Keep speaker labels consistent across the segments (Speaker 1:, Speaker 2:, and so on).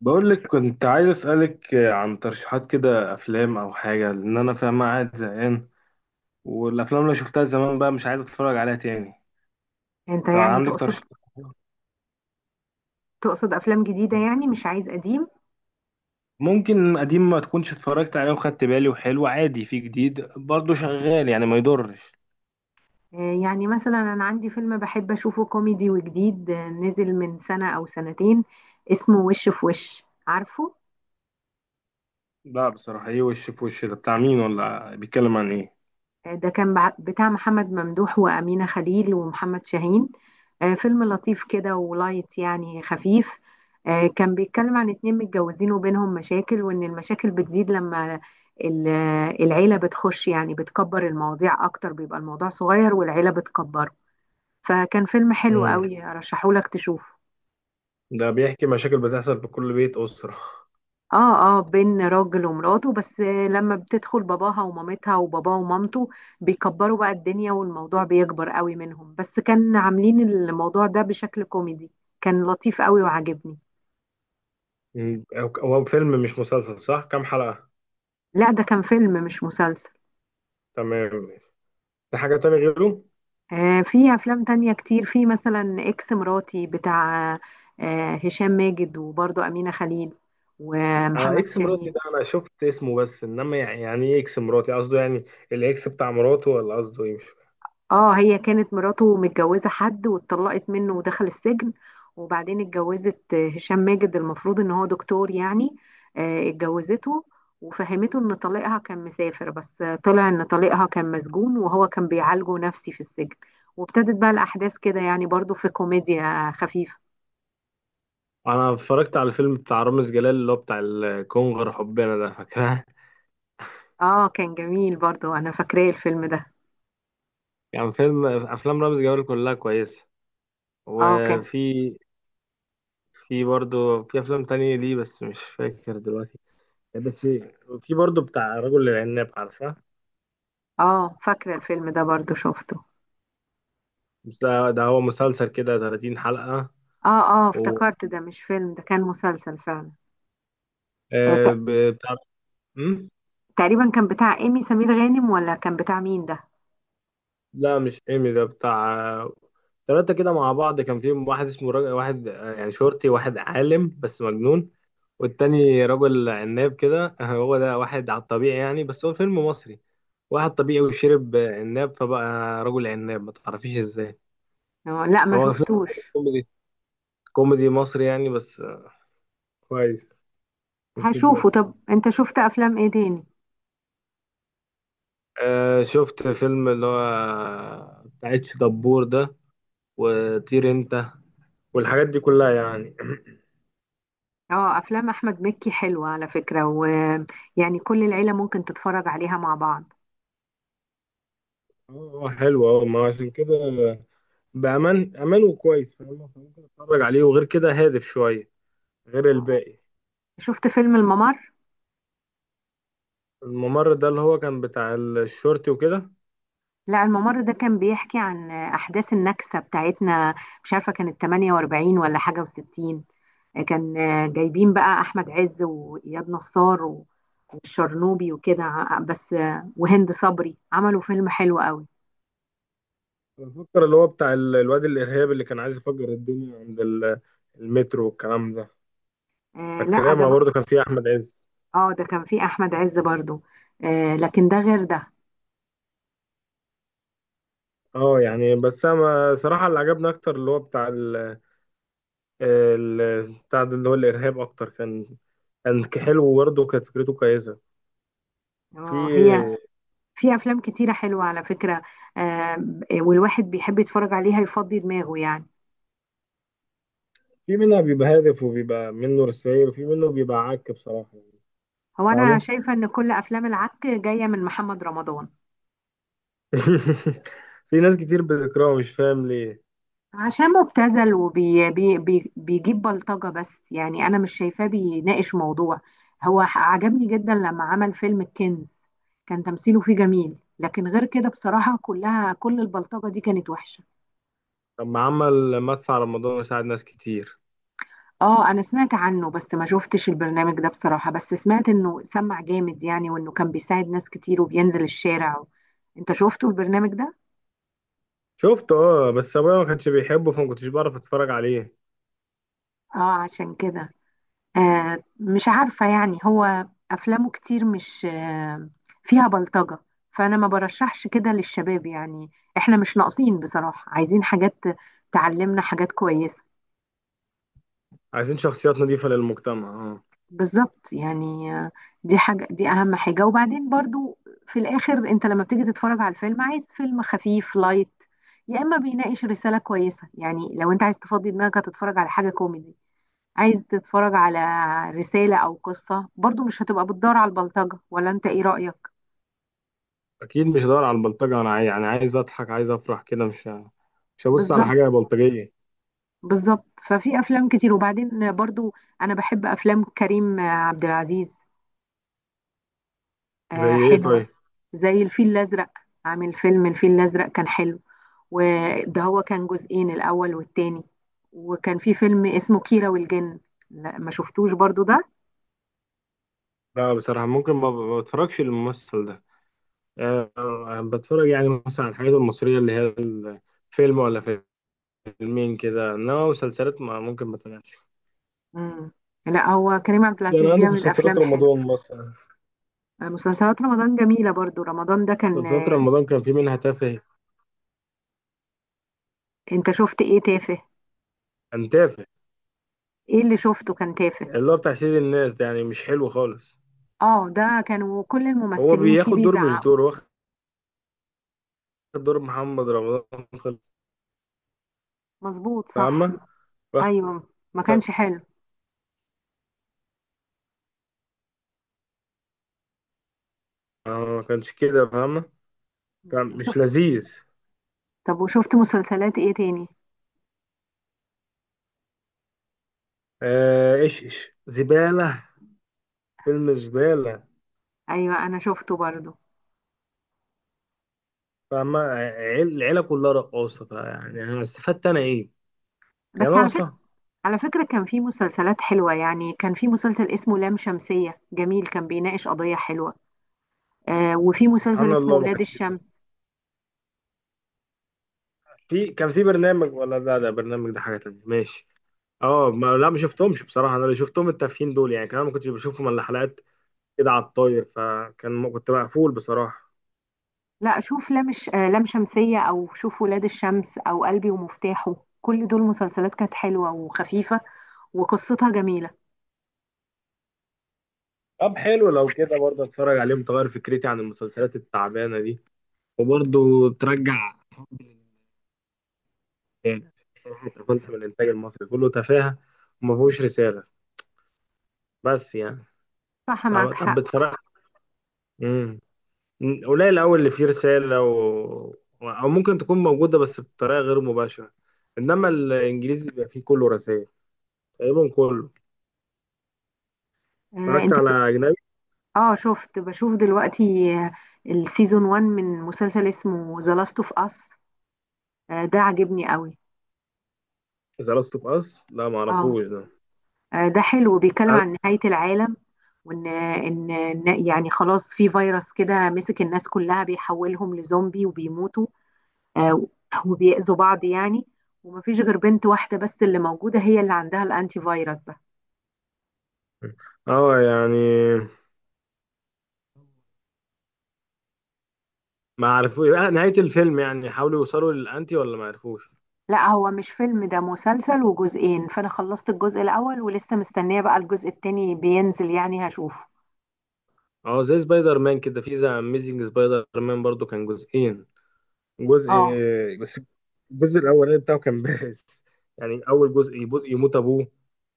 Speaker 1: بقول لك كنت عايز أسألك عن ترشيحات كده، أفلام أو حاجة، لأن أنا فاهم قاعد زهقان. والأفلام اللي شفتها زمان بقى مش عايز أتفرج عليها تاني.
Speaker 2: انت يعني
Speaker 1: فعندك
Speaker 2: تقصد.
Speaker 1: ترشيحات؟
Speaker 2: افلام جديده يعني مش عايز قديم.
Speaker 1: ممكن قديم ما تكونش اتفرجت عليه وخدت بالي وحلو، عادي. في جديد برضه شغال يعني ما يضرش.
Speaker 2: يعني مثلا انا عندي فيلم بحب اشوفه كوميدي وجديد، نزل من سنه او سنتين، اسمه وش في وش عارفه.
Speaker 1: لا بصراحة، إيه وش في وش ده؟ بتاع مين ولا بيتكلم عن إيه؟
Speaker 2: ده كان بتاع محمد ممدوح وامينه خليل ومحمد شاهين. فيلم لطيف كده ولايت يعني خفيف. كان بيتكلم عن اتنين متجوزين وبينهم مشاكل، وان المشاكل بتزيد لما ال- العيله بتخش، يعني بتكبر المواضيع اكتر، بيبقى الموضوع صغير والعيله بتكبره. فكان فيلم حلو
Speaker 1: امم
Speaker 2: قوي، ارشحهولك تشوفه.
Speaker 1: ده بيحكي مشاكل بتحصل في كل بيت أسرة.
Speaker 2: اه اه، بين راجل ومراته بس، لما بتدخل باباها ومامتها وباباه ومامته بيكبروا بقى الدنيا، والموضوع بيكبر قوي منهم، بس كان عاملين الموضوع ده بشكل كوميدي. كان لطيف قوي وعجبني.
Speaker 1: مم. هو فيلم مش مسلسل صح؟ كام حلقة؟
Speaker 2: لا، ده كان فيلم مش مسلسل.
Speaker 1: تمام. في حاجة تانية غيره؟
Speaker 2: آه، في افلام تانية كتير، في مثلا اكس مراتي، بتاع آه هشام ماجد وبرضه أمينة خليل
Speaker 1: اه،
Speaker 2: ومحمد
Speaker 1: اكس مراتي
Speaker 2: شاهين.
Speaker 1: ده انا شفت اسمه، بس انما يعني، يعني ايه اكس مراتي؟ قصده يعني الاكس بتاع مراته ولا قصده ايه؟ مش فاهم.
Speaker 2: اه، هي كانت مراته متجوزة حد واتطلقت منه ودخل السجن، وبعدين اتجوزت هشام ماجد، المفروض ان هو دكتور يعني. اتجوزته وفهمته ان طليقها كان مسافر بس، طلع ان طليقها كان مسجون وهو كان بيعالجه نفسي في السجن. وابتدت بقى الاحداث كده، يعني برضو في كوميديا خفيفة.
Speaker 1: انا اتفرجت على الفيلم بتاع رامز جلال اللي هو بتاع الكونغر حبنا ده، فاكرها؟
Speaker 2: اه كان جميل برضو، انا فاكراه الفيلم ده.
Speaker 1: يعني فيلم، افلام رامز جلال كلها كويسه.
Speaker 2: اه كان.
Speaker 1: وفي، في برضه في افلام تانية ليه بس مش فاكر دلوقتي. بس في برضه بتاع رجل العناب، عارفه؟
Speaker 2: اه فاكرة الفيلم ده، برضو شفته.
Speaker 1: ده هو مسلسل كده 30 حلقه.
Speaker 2: اه اه
Speaker 1: و
Speaker 2: افتكرت، ده مش فيلم، ده كان مسلسل فعلا. آه،
Speaker 1: بتاع. مم؟
Speaker 2: تقريبا كان بتاع ايمي سمير غانم ولا كان بتاع مين ده؟
Speaker 1: لا مش ايمي، ده بتاع ثلاثة كده مع بعض، كان فيهم واحد اسمه راجل واحد، يعني شرطي، واحد عالم بس مجنون. والتاني رجل عناب كده هو ده واحد على الطبيعي يعني، بس هو فيلم مصري. واحد طبيعي وشرب عناب فبقى رجل عناب، ما تعرفيش ازاي.
Speaker 2: لا، ما
Speaker 1: هو فيلم
Speaker 2: شفتوش.
Speaker 1: كوميدي، كوميدي مصري يعني، بس كويس. مش بدي
Speaker 2: هشوفه. طب
Speaker 1: أكتب.
Speaker 2: انت شفت افلام ايه تاني؟
Speaker 1: آه، شفت فيلم اللي هو بتاع اتش دبور ده، وطير انت، والحاجات دي كلها يعني
Speaker 2: اه، افلام احمد مكي حلوة على فكرة، ويعني كل العيلة ممكن تتفرج عليها مع بعض.
Speaker 1: اه حلو، اه ما عشان كده بأمان أمان وكويس، فاهم؟ فممكن أتفرج عليه، وغير كده هادف شوية غير
Speaker 2: آه.
Speaker 1: الباقي.
Speaker 2: شفت فيلم الممر؟
Speaker 1: الممر ده اللي هو كان بتاع الشرطي وكده؟
Speaker 2: لا، الممر ده كان بيحكي عن احداث النكسة بتاعتنا، مش عارفة كانت 48 ولا حاجة و60. كان جايبين بقى احمد عز واياد نصار والشرنوبي وكده، بس آه، وهند صبري، عملوا فيلم حلو قوي.
Speaker 1: بفكر اللي هو بتاع الواد الإرهابي اللي كان عايز يفجر الدنيا عند المترو والكلام ده.
Speaker 2: آه لا،
Speaker 1: فاكرها؟
Speaker 2: ده
Speaker 1: ما برضه
Speaker 2: بقى.
Speaker 1: كان فيه أحمد عز.
Speaker 2: اه، ده كان فيه احمد عز برضو. آه، لكن ده غير ده.
Speaker 1: اه يعني، بس أنا صراحة اللي عجبني أكتر اللي هو بتاع ال، بتاع ده اللي هو الإرهاب أكتر، كان كان حلو وبرضه كانت فكرته كويسة.
Speaker 2: اه، هي
Speaker 1: في
Speaker 2: في افلام كتيره حلوه على فكره. آه. والواحد بيحب يتفرج عليها يفضي دماغه يعني.
Speaker 1: في منها بيبقى هادف وبيبقى منه رسائل، وفي منه بيبقى عك بصراحة يعني.
Speaker 2: هو انا
Speaker 1: فاهمة؟
Speaker 2: شايفه ان كل افلام العك جايه من محمد رمضان.
Speaker 1: في ناس كتير بتكرهه مش فاهم ليه.
Speaker 2: عشان مبتذل، وبيجيب وبي بي بي بيجيب بلطجه بس، يعني انا مش شايفاه بيناقش موضوع. عجبني جدا لما عمل فيلم الكنز، كان تمثيله فيه جميل، لكن غير كده بصراحه كلها، كل البلطجه دي كانت وحشه.
Speaker 1: طب ما عمل مدفع على رمضان وساعد ناس كتير.
Speaker 2: اه، انا سمعت عنه بس ما شفتش البرنامج ده بصراحة، بس سمعت انه سمع جامد يعني، وانه كان بيساعد ناس كتير وبينزل الشارع. انت شفته البرنامج ده؟
Speaker 1: شفته اه، بس ابويا ما كانش بيحبه فما كنتش بعرف اتفرج عليه.
Speaker 2: اه عشان كده. آه، مش عارفة، يعني هو افلامه كتير مش آه فيها بلطجة، فانا ما برشحش كده للشباب يعني. احنا مش ناقصين بصراحة، عايزين حاجات تعلمنا حاجات كويسة.
Speaker 1: عايزين شخصيات نظيفة للمجتمع، اه.
Speaker 2: بالظبط يعني، دي حاجة، دي أهم حاجة. وبعدين برضو، في الآخر أنت لما بتيجي تتفرج على الفيلم عايز فيلم خفيف لايت، يا إما بيناقش رسالة كويسة. يعني لو أنت عايز تفضي دماغك هتتفرج على حاجة كوميدي، عايز تتفرج على رسالة أو قصة، برضو مش هتبقى بتدور على البلطجة، ولا أنت إيه رأيك؟
Speaker 1: اكيد مش هدور على البلطجة، انا يعني عايز اضحك عايز افرح كده، مش مش هبص على
Speaker 2: بالظبط.
Speaker 1: حاجة بلطجية.
Speaker 2: بالظبط، ففي أفلام كتير. وبعدين برضو أنا بحب أفلام كريم عبد العزيز،
Speaker 1: زي
Speaker 2: آه،
Speaker 1: ايه
Speaker 2: حلوة.
Speaker 1: طيب؟
Speaker 2: زي الفيل الأزرق، عامل فيلم الفيل الأزرق، كان حلو، وده هو كان جزئين، الأول والتاني. وكان في فيلم اسمه كيرة والجن. لا، ما شفتوش برضو ده.
Speaker 1: لا بصراحة، ممكن ما بتفرجش للممثل ده. أه، بتفرج يعني مثلا على الحاجات المصرية اللي هي فيلم ولا فيلم، فيلمين كده، انما مسلسلات ما ممكن ما تابعش.
Speaker 2: مم. لا، هو كريم عبد
Speaker 1: ده
Speaker 2: العزيز
Speaker 1: انا عندك
Speaker 2: بيعمل
Speaker 1: مسلسلات
Speaker 2: أفلام حلو.
Speaker 1: رمضان مثلا.
Speaker 2: مسلسلات رمضان جميلة برضو، رمضان ده كان.
Speaker 1: مسلسلات رمضان كان في منها تافه.
Speaker 2: انت شفت ايه تافه؟
Speaker 1: كان تافه.
Speaker 2: ايه اللي شفته كان تافه؟
Speaker 1: اللي هو بتاع سيد الناس ده يعني مش حلو خالص.
Speaker 2: اه، ده كانوا كل
Speaker 1: هو
Speaker 2: الممثلين فيه
Speaker 1: بياخد دور، مش
Speaker 2: بيزعقوا.
Speaker 1: دور، واخد دور محمد رمضان خالص.
Speaker 2: مظبوط، صح.
Speaker 1: فاهمة؟ واخد.
Speaker 2: ايوه، ما كانش
Speaker 1: تافه.
Speaker 2: حلو.
Speaker 1: ما كانش كده، فاهمة؟ كان
Speaker 2: مم.
Speaker 1: مش
Speaker 2: شفت.
Speaker 1: لذيذ.
Speaker 2: طب وشفت مسلسلات ايه تاني؟
Speaker 1: آه، ايش زبالة. فيلم زبالة.
Speaker 2: ايوه، انا شفته برضو.
Speaker 1: فاهمة؟ العيلة كلها رقاصة، يعني انا استفدت انا ايه؟ يا
Speaker 2: بس على فكرة،
Speaker 1: ناقصة.
Speaker 2: على فكرة، كان في مسلسلات حلوة، يعني كان في مسلسل اسمه لام شمسية جميل، كان بيناقش قضية حلوة. آه، وفي مسلسل
Speaker 1: سبحان
Speaker 2: اسمه
Speaker 1: الله ما
Speaker 2: ولاد
Speaker 1: كانش.
Speaker 2: الشمس.
Speaker 1: في، كان في برنامج، ولا لا ده برنامج، ده حاجة تانية. ماشي. اه ما لا، ما شفتهمش بصراحة، انا اللي شفتهم التافهين دول، يعني كمان ما كنتش بشوفهم الا حلقات كده على الطاير، فكان كنت مقفول بصراحة.
Speaker 2: لا، شوف لام الش- آه لام شمسية، أو شوف ولاد الشمس، أو قلبي ومفتاحه. كل دول مسلسلات كانت حلوة وخفيفة، وقصتها جميلة.
Speaker 1: طب حلو لو كده برضه اتفرج عليهم، تغير فكرتي عن المسلسلات التعبانة دي، وبرضه ترجع حبي للإنتاج. بصراحة اتقفلت من الانتاج المصري، كله تفاهة وما فيهوش رسالة، بس يعني.
Speaker 2: صح،
Speaker 1: طب
Speaker 2: معك
Speaker 1: طب
Speaker 2: حق.
Speaker 1: بتفرج. مم. قليل أوي اللي فيه رسالة، و... أو ممكن تكون موجودة بس بطريقة غير مباشرة. إنما الإنجليزي بيبقى فيه كله رسائل، تقريبا كله.
Speaker 2: آه
Speaker 1: اتفرجت
Speaker 2: انت.
Speaker 1: على أجنبي؟
Speaker 2: اه، شفت بشوف دلوقتي آه السيزون 1 من مسلسل اسمه ذا لاست اوف اس، ده عجبني قوي.
Speaker 1: ذا لاست أوف أس لا
Speaker 2: اه،
Speaker 1: معرفوش ده.
Speaker 2: ده حلو، بيتكلم عن
Speaker 1: أنا-
Speaker 2: نهاية العالم، وان ان إن يعني خلاص في فيروس كده مسك الناس كلها، بيحولهم لزومبي وبيموتوا، آه، وبيأذوا بعض يعني. ومفيش غير بنت واحدة بس اللي موجودة، هي اللي عندها الانتي فيروس ده.
Speaker 1: اه يعني، ما عرفوش نهاية الفيلم، يعني حاولوا يوصلوا للأنتي ولا ما عرفوش؟
Speaker 2: لا، هو مش فيلم، ده مسلسل وجزئين، فانا خلصت الجزء الاول ولسه مستنية بقى الجزء التاني بينزل يعني هشوفه.
Speaker 1: اه زي سبايدر مان كده، في ذا أميزنج سبايدر مان برضو كان جزئين، جزء.
Speaker 2: اه.
Speaker 1: بس الجزء الاولاني بتاعه كان بائس، يعني اول جزء يموت، يموت ابوه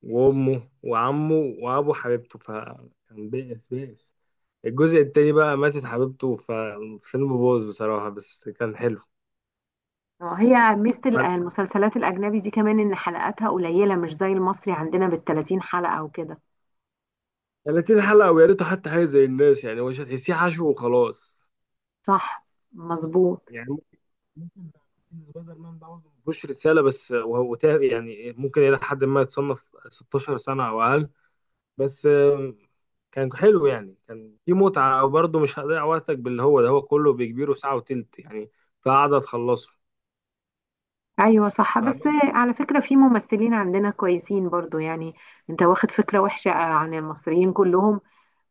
Speaker 1: وامه وعمه وابو حبيبته، فكان بائس بائس. الجزء التاني بقى ماتت حبيبته، فالفيلم باظ بصراحة، بس كان حلو.
Speaker 2: هي ميزة
Speaker 1: ف
Speaker 2: المسلسلات الأجنبي دي كمان، إن حلقاتها قليلة مش زي المصري عندنا بال30 حلقة وكده.
Speaker 1: 30 حلقة، ويا ريته حتى حاجة زي الناس، يعني مش هتحسيه حشو وخلاص
Speaker 2: صح. مظبوط.
Speaker 1: يعني. ممكن، ممكن سبايدر مان ده برضه مفيهوش رسالة، بس وهو يعني ممكن إلى حد ما يتصنف 16 سنة أو أقل. بس كان حلو يعني، كان في متعة برضه، مش هضيع وقتك باللي هو ده، هو كله بيكبيره ساعة وتلت يعني، فقعدة تخلصه.
Speaker 2: ايوه صح،
Speaker 1: فاهم؟
Speaker 2: بس على فكرة في ممثلين عندنا كويسين برضو يعني. انت واخد فكرة وحشة عن المصريين كلهم،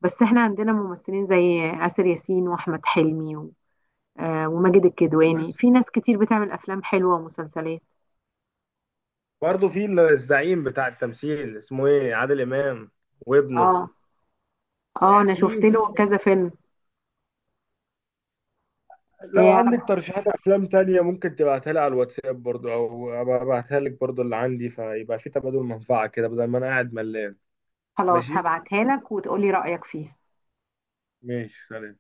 Speaker 2: بس احنا عندنا ممثلين زي آسر ياسين واحمد حلمي وماجد الكدواني.
Speaker 1: بس
Speaker 2: في ناس كتير بتعمل افلام حلوة ومسلسلات.
Speaker 1: برضه في الزعيم بتاع التمثيل اسمه ايه، عادل إمام، وابنه.
Speaker 2: اه اه،
Speaker 1: يعني
Speaker 2: انا
Speaker 1: في
Speaker 2: شفت له
Speaker 1: وفي،
Speaker 2: كذا فيلم.
Speaker 1: لو عندك
Speaker 2: انا
Speaker 1: ترشيحات أفلام تانية ممكن تبعتها لي على الواتساب برضه، أو أبقى أبعتها لك برضه اللي عندي، فيبقى في تبادل منفعة كده، بدل ما أنا قاعد ملان.
Speaker 2: خلاص
Speaker 1: ماشي؟
Speaker 2: هبعتها لك وتقولي رأيك فيها.
Speaker 1: ماشي، سلام.